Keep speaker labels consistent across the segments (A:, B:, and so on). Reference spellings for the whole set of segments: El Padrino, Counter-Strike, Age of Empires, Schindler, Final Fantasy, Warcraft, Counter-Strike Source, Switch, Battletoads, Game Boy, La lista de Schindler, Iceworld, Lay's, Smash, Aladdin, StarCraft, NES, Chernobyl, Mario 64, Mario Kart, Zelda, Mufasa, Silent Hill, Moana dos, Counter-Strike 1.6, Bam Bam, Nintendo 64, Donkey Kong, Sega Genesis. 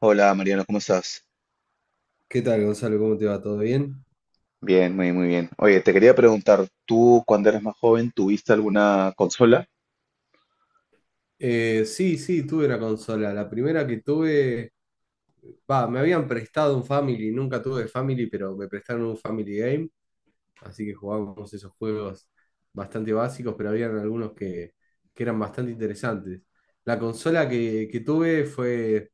A: Hola Mariano, ¿cómo estás?
B: ¿Qué tal, Gonzalo? ¿Cómo te va? ¿Todo bien?
A: Bien, muy bien. Oye, te quería preguntar, ¿tú cuando eras más joven tuviste alguna consola?
B: Sí, sí, tuve una consola. La primera que tuve, va, me habían prestado un Family, nunca tuve Family, pero me prestaron un Family Game, así que jugábamos esos juegos bastante básicos, pero habían algunos que eran bastante interesantes. La consola que tuve fue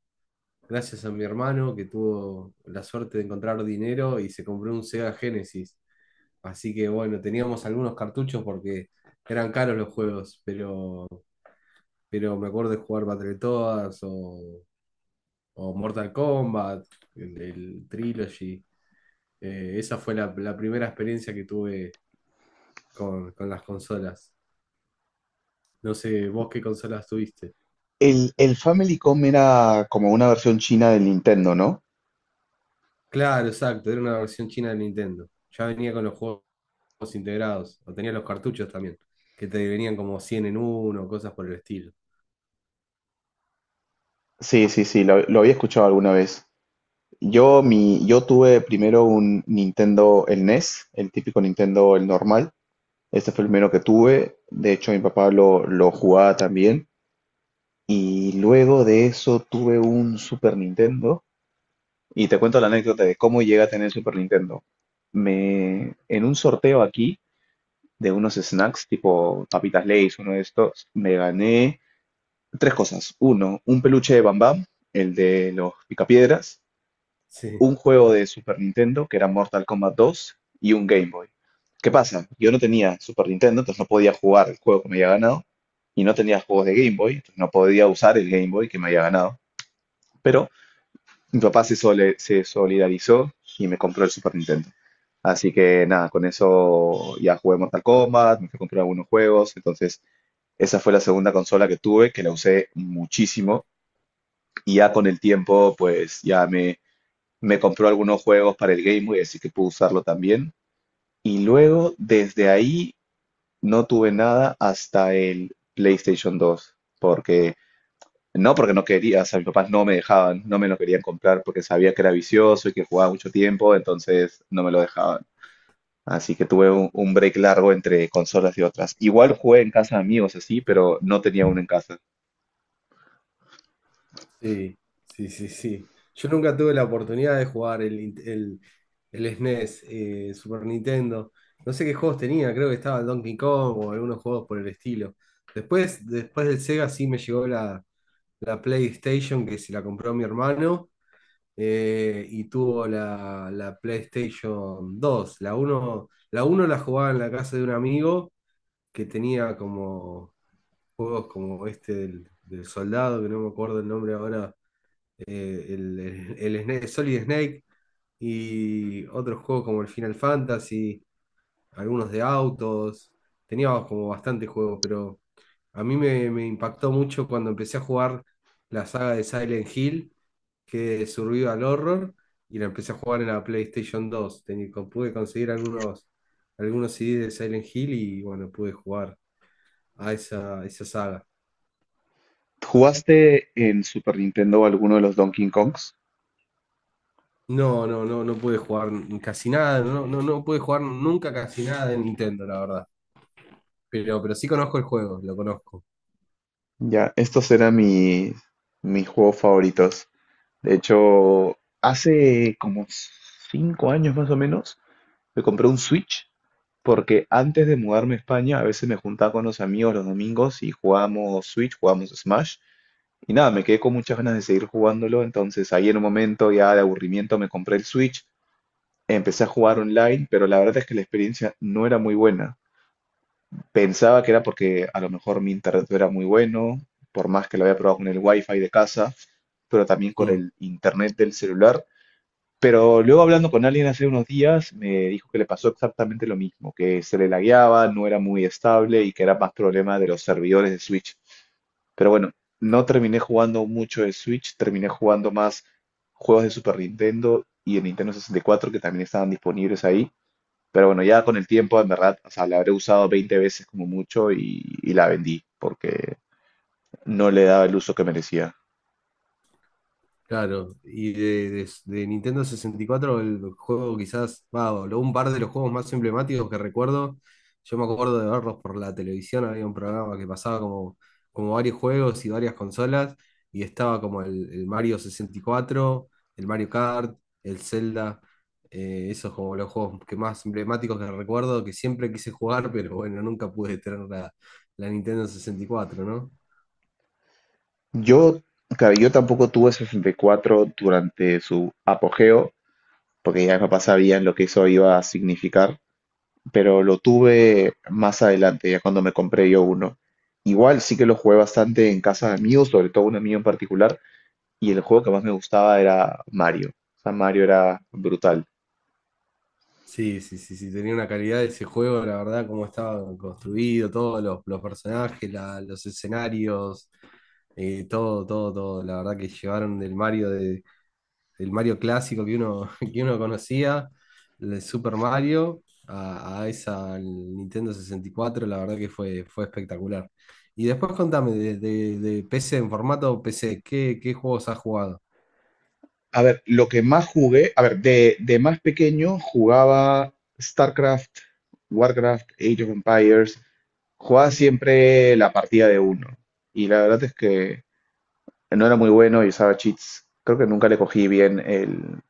B: gracias a mi hermano, que tuvo la suerte de encontrar dinero y se compró un Sega Genesis. Así que bueno, teníamos algunos cartuchos porque eran caros los juegos, pero me acuerdo de jugar Battletoads o Mortal Kombat, el Trilogy. Esa fue la primera experiencia que tuve con las consolas. No sé, vos qué consolas tuviste.
A: El Family Famicom era como una versión china del Nintendo, ¿no?
B: Claro, exacto, era una versión china de Nintendo. Ya venía con los juegos integrados, o tenía los cartuchos también, que te venían como 100 en uno, cosas por el estilo.
A: Sí, sí, sí, lo había escuchado alguna vez. Yo tuve primero un Nintendo, el NES, el típico Nintendo, el normal. Este fue el primero que tuve. De hecho, mi papá lo jugaba también. Y luego de eso tuve un Super Nintendo. Y te cuento la anécdota de cómo llegué a tener el Super Nintendo. En un sorteo aquí de unos snacks tipo papitas Lay's, uno de estos, me gané tres cosas. Uno, un peluche de Bam Bam, el de los picapiedras,
B: Sí.
A: un juego de Super Nintendo que era Mortal Kombat 2, y un Game Boy. ¿Qué pasa? Yo no tenía Super Nintendo, entonces no podía jugar el juego que me había ganado, y no tenía juegos de Game Boy, entonces no podía usar el Game Boy que me había ganado. Pero mi papá se solidarizó y me compró el Super Nintendo. Así que nada, con eso ya jugué Mortal Kombat, me fui a comprar algunos juegos. Entonces, esa fue la segunda consola que tuve, que la usé muchísimo. Y ya con el tiempo, pues me compró algunos juegos para el Game Boy, así que pude usarlo también. Y luego, desde ahí, no tuve nada hasta el PlayStation 2, porque no quería, o sea, mis papás no me dejaban, no me lo querían comprar porque sabía que era vicioso y que jugaba mucho tiempo, entonces no me lo dejaban. Así que tuve un break largo entre consolas y otras. Igual jugué en casa de amigos, así, pero no tenía uno en casa.
B: Sí, sí, sí, sí. Yo nunca tuve la oportunidad de jugar el SNES, Super Nintendo. No sé qué juegos tenía, creo que estaba el Donkey Kong o algunos juegos por el estilo. Después del Sega sí me llegó la PlayStation, que se la compró mi hermano, y tuvo la PlayStation 2. La uno la jugaba en la casa de un amigo que tenía como juegos como este del soldado, que no me acuerdo el nombre ahora, eh, el, el Solid Snake, y otros juegos como el Final Fantasy, algunos de autos. Tenía como bastante juegos, pero a mí me impactó mucho cuando empecé a jugar la saga de Silent Hill, que es Survival Horror, y la empecé a jugar en la PlayStation 2. Pude conseguir algunos CDs de Silent Hill y bueno, pude jugar a esa saga.
A: ¿Jugaste en Super Nintendo alguno de los Donkey Kongs?
B: No, no, no, no pude jugar casi nada, no, no, no pude jugar nunca casi nada de Nintendo, la verdad. Pero sí conozco el juego, lo conozco.
A: Ya, mis juegos favoritos. De hecho, hace como 5 años más o menos, me compré un Switch. Porque antes de mudarme a España, a veces me juntaba con los amigos los domingos y jugábamos Switch, jugábamos Smash. Y nada, me quedé con muchas ganas de seguir jugándolo. Entonces ahí en un momento ya de aburrimiento me compré el Switch, empecé a jugar online, pero la verdad es que la experiencia no era muy buena. Pensaba que era porque a lo mejor mi internet no era muy bueno, por más que lo había probado con el wifi de casa, pero también con
B: Mm.
A: el internet del celular. Pero luego hablando con alguien hace unos días, me dijo que le pasó exactamente lo mismo, que se le lagueaba, no era muy estable y que era más problema de los servidores de Switch. Pero bueno, no terminé jugando mucho de Switch, terminé jugando más juegos de Super Nintendo y de Nintendo 64 que también estaban disponibles ahí. Pero bueno, ya con el tiempo, en verdad, o sea, la habré usado 20 veces como mucho, y la vendí porque no le daba el uso que merecía.
B: Claro, y de Nintendo 64, el juego quizás, va, un par de los juegos más emblemáticos que recuerdo. Yo me acuerdo de verlos por la televisión, había un programa que pasaba como varios juegos y varias consolas, y estaba como el Mario 64, el Mario Kart, el Zelda, esos como los juegos que más emblemáticos que recuerdo, que siempre quise jugar, pero bueno, nunca pude tener la Nintendo 64.
A: Yo, claro, yo tampoco tuve 64 durante su apogeo, porque ya mis papás sabían lo que eso iba a significar, pero lo tuve más adelante, ya cuando me compré yo uno. Igual sí que lo jugué bastante en casa de amigos, sobre todo un amigo en particular, y el juego que más me gustaba era Mario. O sea, Mario era brutal.
B: Sí, sí, sí, sí, tenía una calidad de ese juego, la verdad, cómo estaba construido, todos los personajes, los escenarios, todo, todo, todo. La verdad que llevaron del Mario del Mario clásico que uno, que uno conocía, el Super Mario, a esa al Nintendo 64. La verdad que fue espectacular. Y después contame, de PC, en formato PC, ¿qué juegos has jugado?
A: A ver, lo que más jugué, a ver, de más pequeño jugaba StarCraft, Warcraft, Age of Empires, jugaba siempre la partida de uno. Y la verdad es que no era muy bueno y usaba cheats. Creo que nunca le cogí bien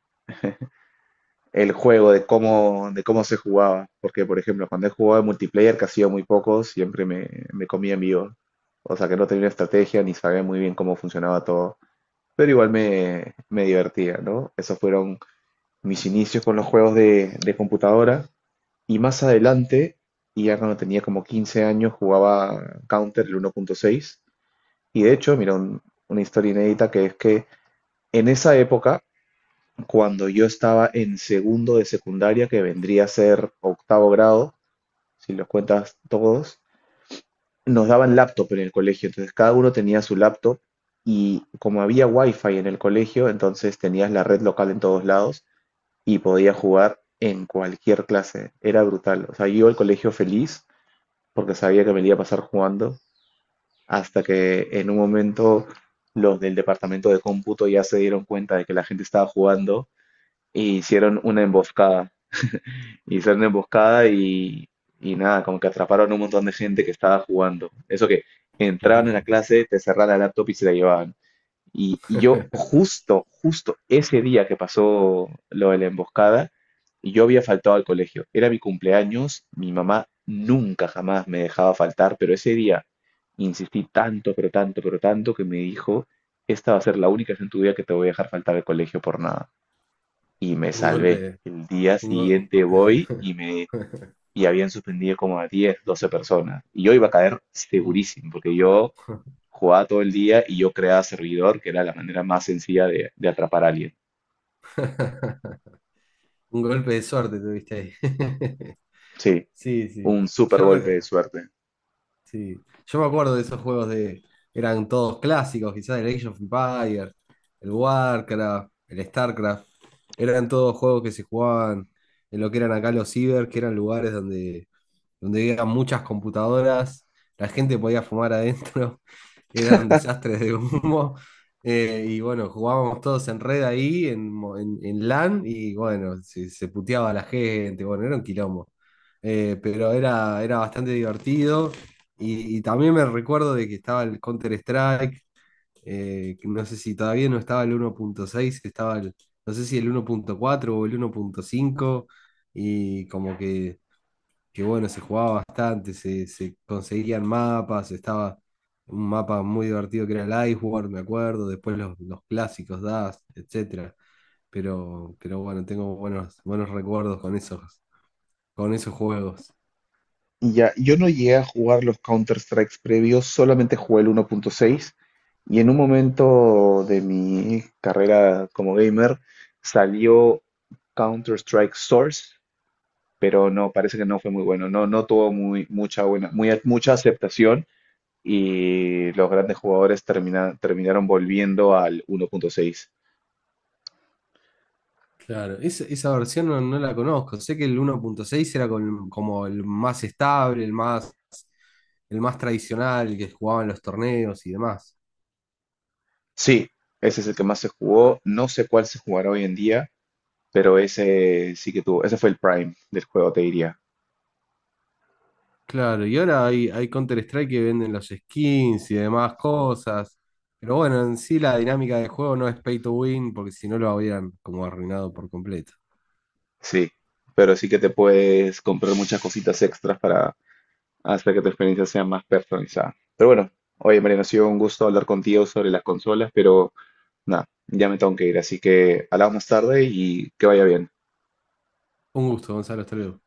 A: el juego de cómo se jugaba. Porque, por ejemplo, cuando he jugado en multiplayer, que ha sido muy poco, me comía en vivo. O sea que no tenía estrategia ni sabía muy bien cómo funcionaba todo. Pero igual me divertía, ¿no? Esos fueron mis inicios con los juegos de computadora. Y más adelante, ya cuando tenía como 15 años, jugaba Counter el 1.6. Y de hecho, mira, una historia inédita, que es que en esa época cuando yo estaba en segundo de secundaria, que vendría a ser octavo grado, si los cuentas todos, nos daban laptop en el colegio, entonces cada uno tenía su laptop, y como había wifi en el colegio, entonces tenías la red local en todos lados y podías jugar en cualquier clase, era brutal. O sea, yo iba al colegio feliz porque sabía que me la iba a pasar jugando, hasta que en un momento los del departamento de cómputo ya se dieron cuenta de que la gente estaba jugando e hicieron una emboscada. Hicieron una emboscada y nada, como que atraparon un montón de gente que estaba jugando. Eso que entraban en la clase, te cerraban la laptop y se la llevaban. Yo justo ese día que pasó lo de la emboscada, yo había faltado al colegio. Era mi cumpleaños, mi mamá nunca jamás me dejaba faltar, pero ese día insistí tanto, pero tanto, pero tanto, que me dijo, esta va a ser la única vez en tu vida que te voy a dejar faltar al colegio por nada. Y me
B: Un
A: salvé.
B: golpe,
A: El día
B: un go-
A: siguiente voy, y me y habían suspendido como a 10 12 personas. Y yo iba a caer
B: Mm.
A: segurísimo, porque yo jugaba todo el día y yo creaba servidor, que era la manera más sencilla de atrapar a alguien.
B: Un golpe de suerte tuviste ahí.
A: Sí,
B: Sí, sí.
A: un super
B: Yo,
A: golpe
B: re-
A: de suerte.
B: sí. Yo me acuerdo de esos juegos de. Eran todos clásicos, quizás el Age of Empires, el Warcraft, el StarCraft. Eran todos juegos que se jugaban en lo que eran acá los ciber, que eran lugares donde había muchas computadoras, la gente podía fumar adentro, era un desastre de humo. Y bueno, jugábamos todos en red ahí, en LAN, y bueno, se puteaba a la gente, bueno, era un quilombo. Pero era bastante divertido. Y también me recuerdo de que estaba el Counter-Strike, que no sé si todavía no estaba el 1.6, no sé si el 1.4 o el 1.5, y como que bueno, se jugaba bastante, se conseguían mapas, estaba un mapa muy divertido que era el Iceworld, me acuerdo, después los clásicos DAS, etcétera. Pero bueno, tengo buenos, buenos recuerdos con esos juegos.
A: Ya, yo no llegué a jugar los Counter-Strikes previos, solamente jugué el 1.6, y en un momento de mi carrera como gamer salió Counter-Strike Source, pero no, parece que no fue muy bueno, no, no tuvo mucha, mucha aceptación, y los grandes jugadores terminaron volviendo al 1.6.
B: Claro, esa versión no, no la conozco. Sé que el 1.6 era como el más estable, el más tradicional, el que jugaban los torneos y demás.
A: Sí, ese es el que más se jugó. No sé cuál se jugará hoy en día, pero ese sí que tuvo, ese fue el prime del juego, te diría.
B: Claro, y ahora hay Counter-Strike que venden los skins y demás cosas. Pero bueno, en sí la dinámica del juego no es pay to win, porque si no lo habrían como arruinado por completo.
A: Sí, pero sí que te puedes comprar muchas cositas extras para hacer que tu experiencia sea más personalizada. Pero bueno, oye Mariano, ha sido un gusto hablar contigo sobre las consolas, pero nada, ya me tengo que ir, así que hablamos más tarde y que vaya bien.
B: Un gusto, Gonzalo, hasta luego.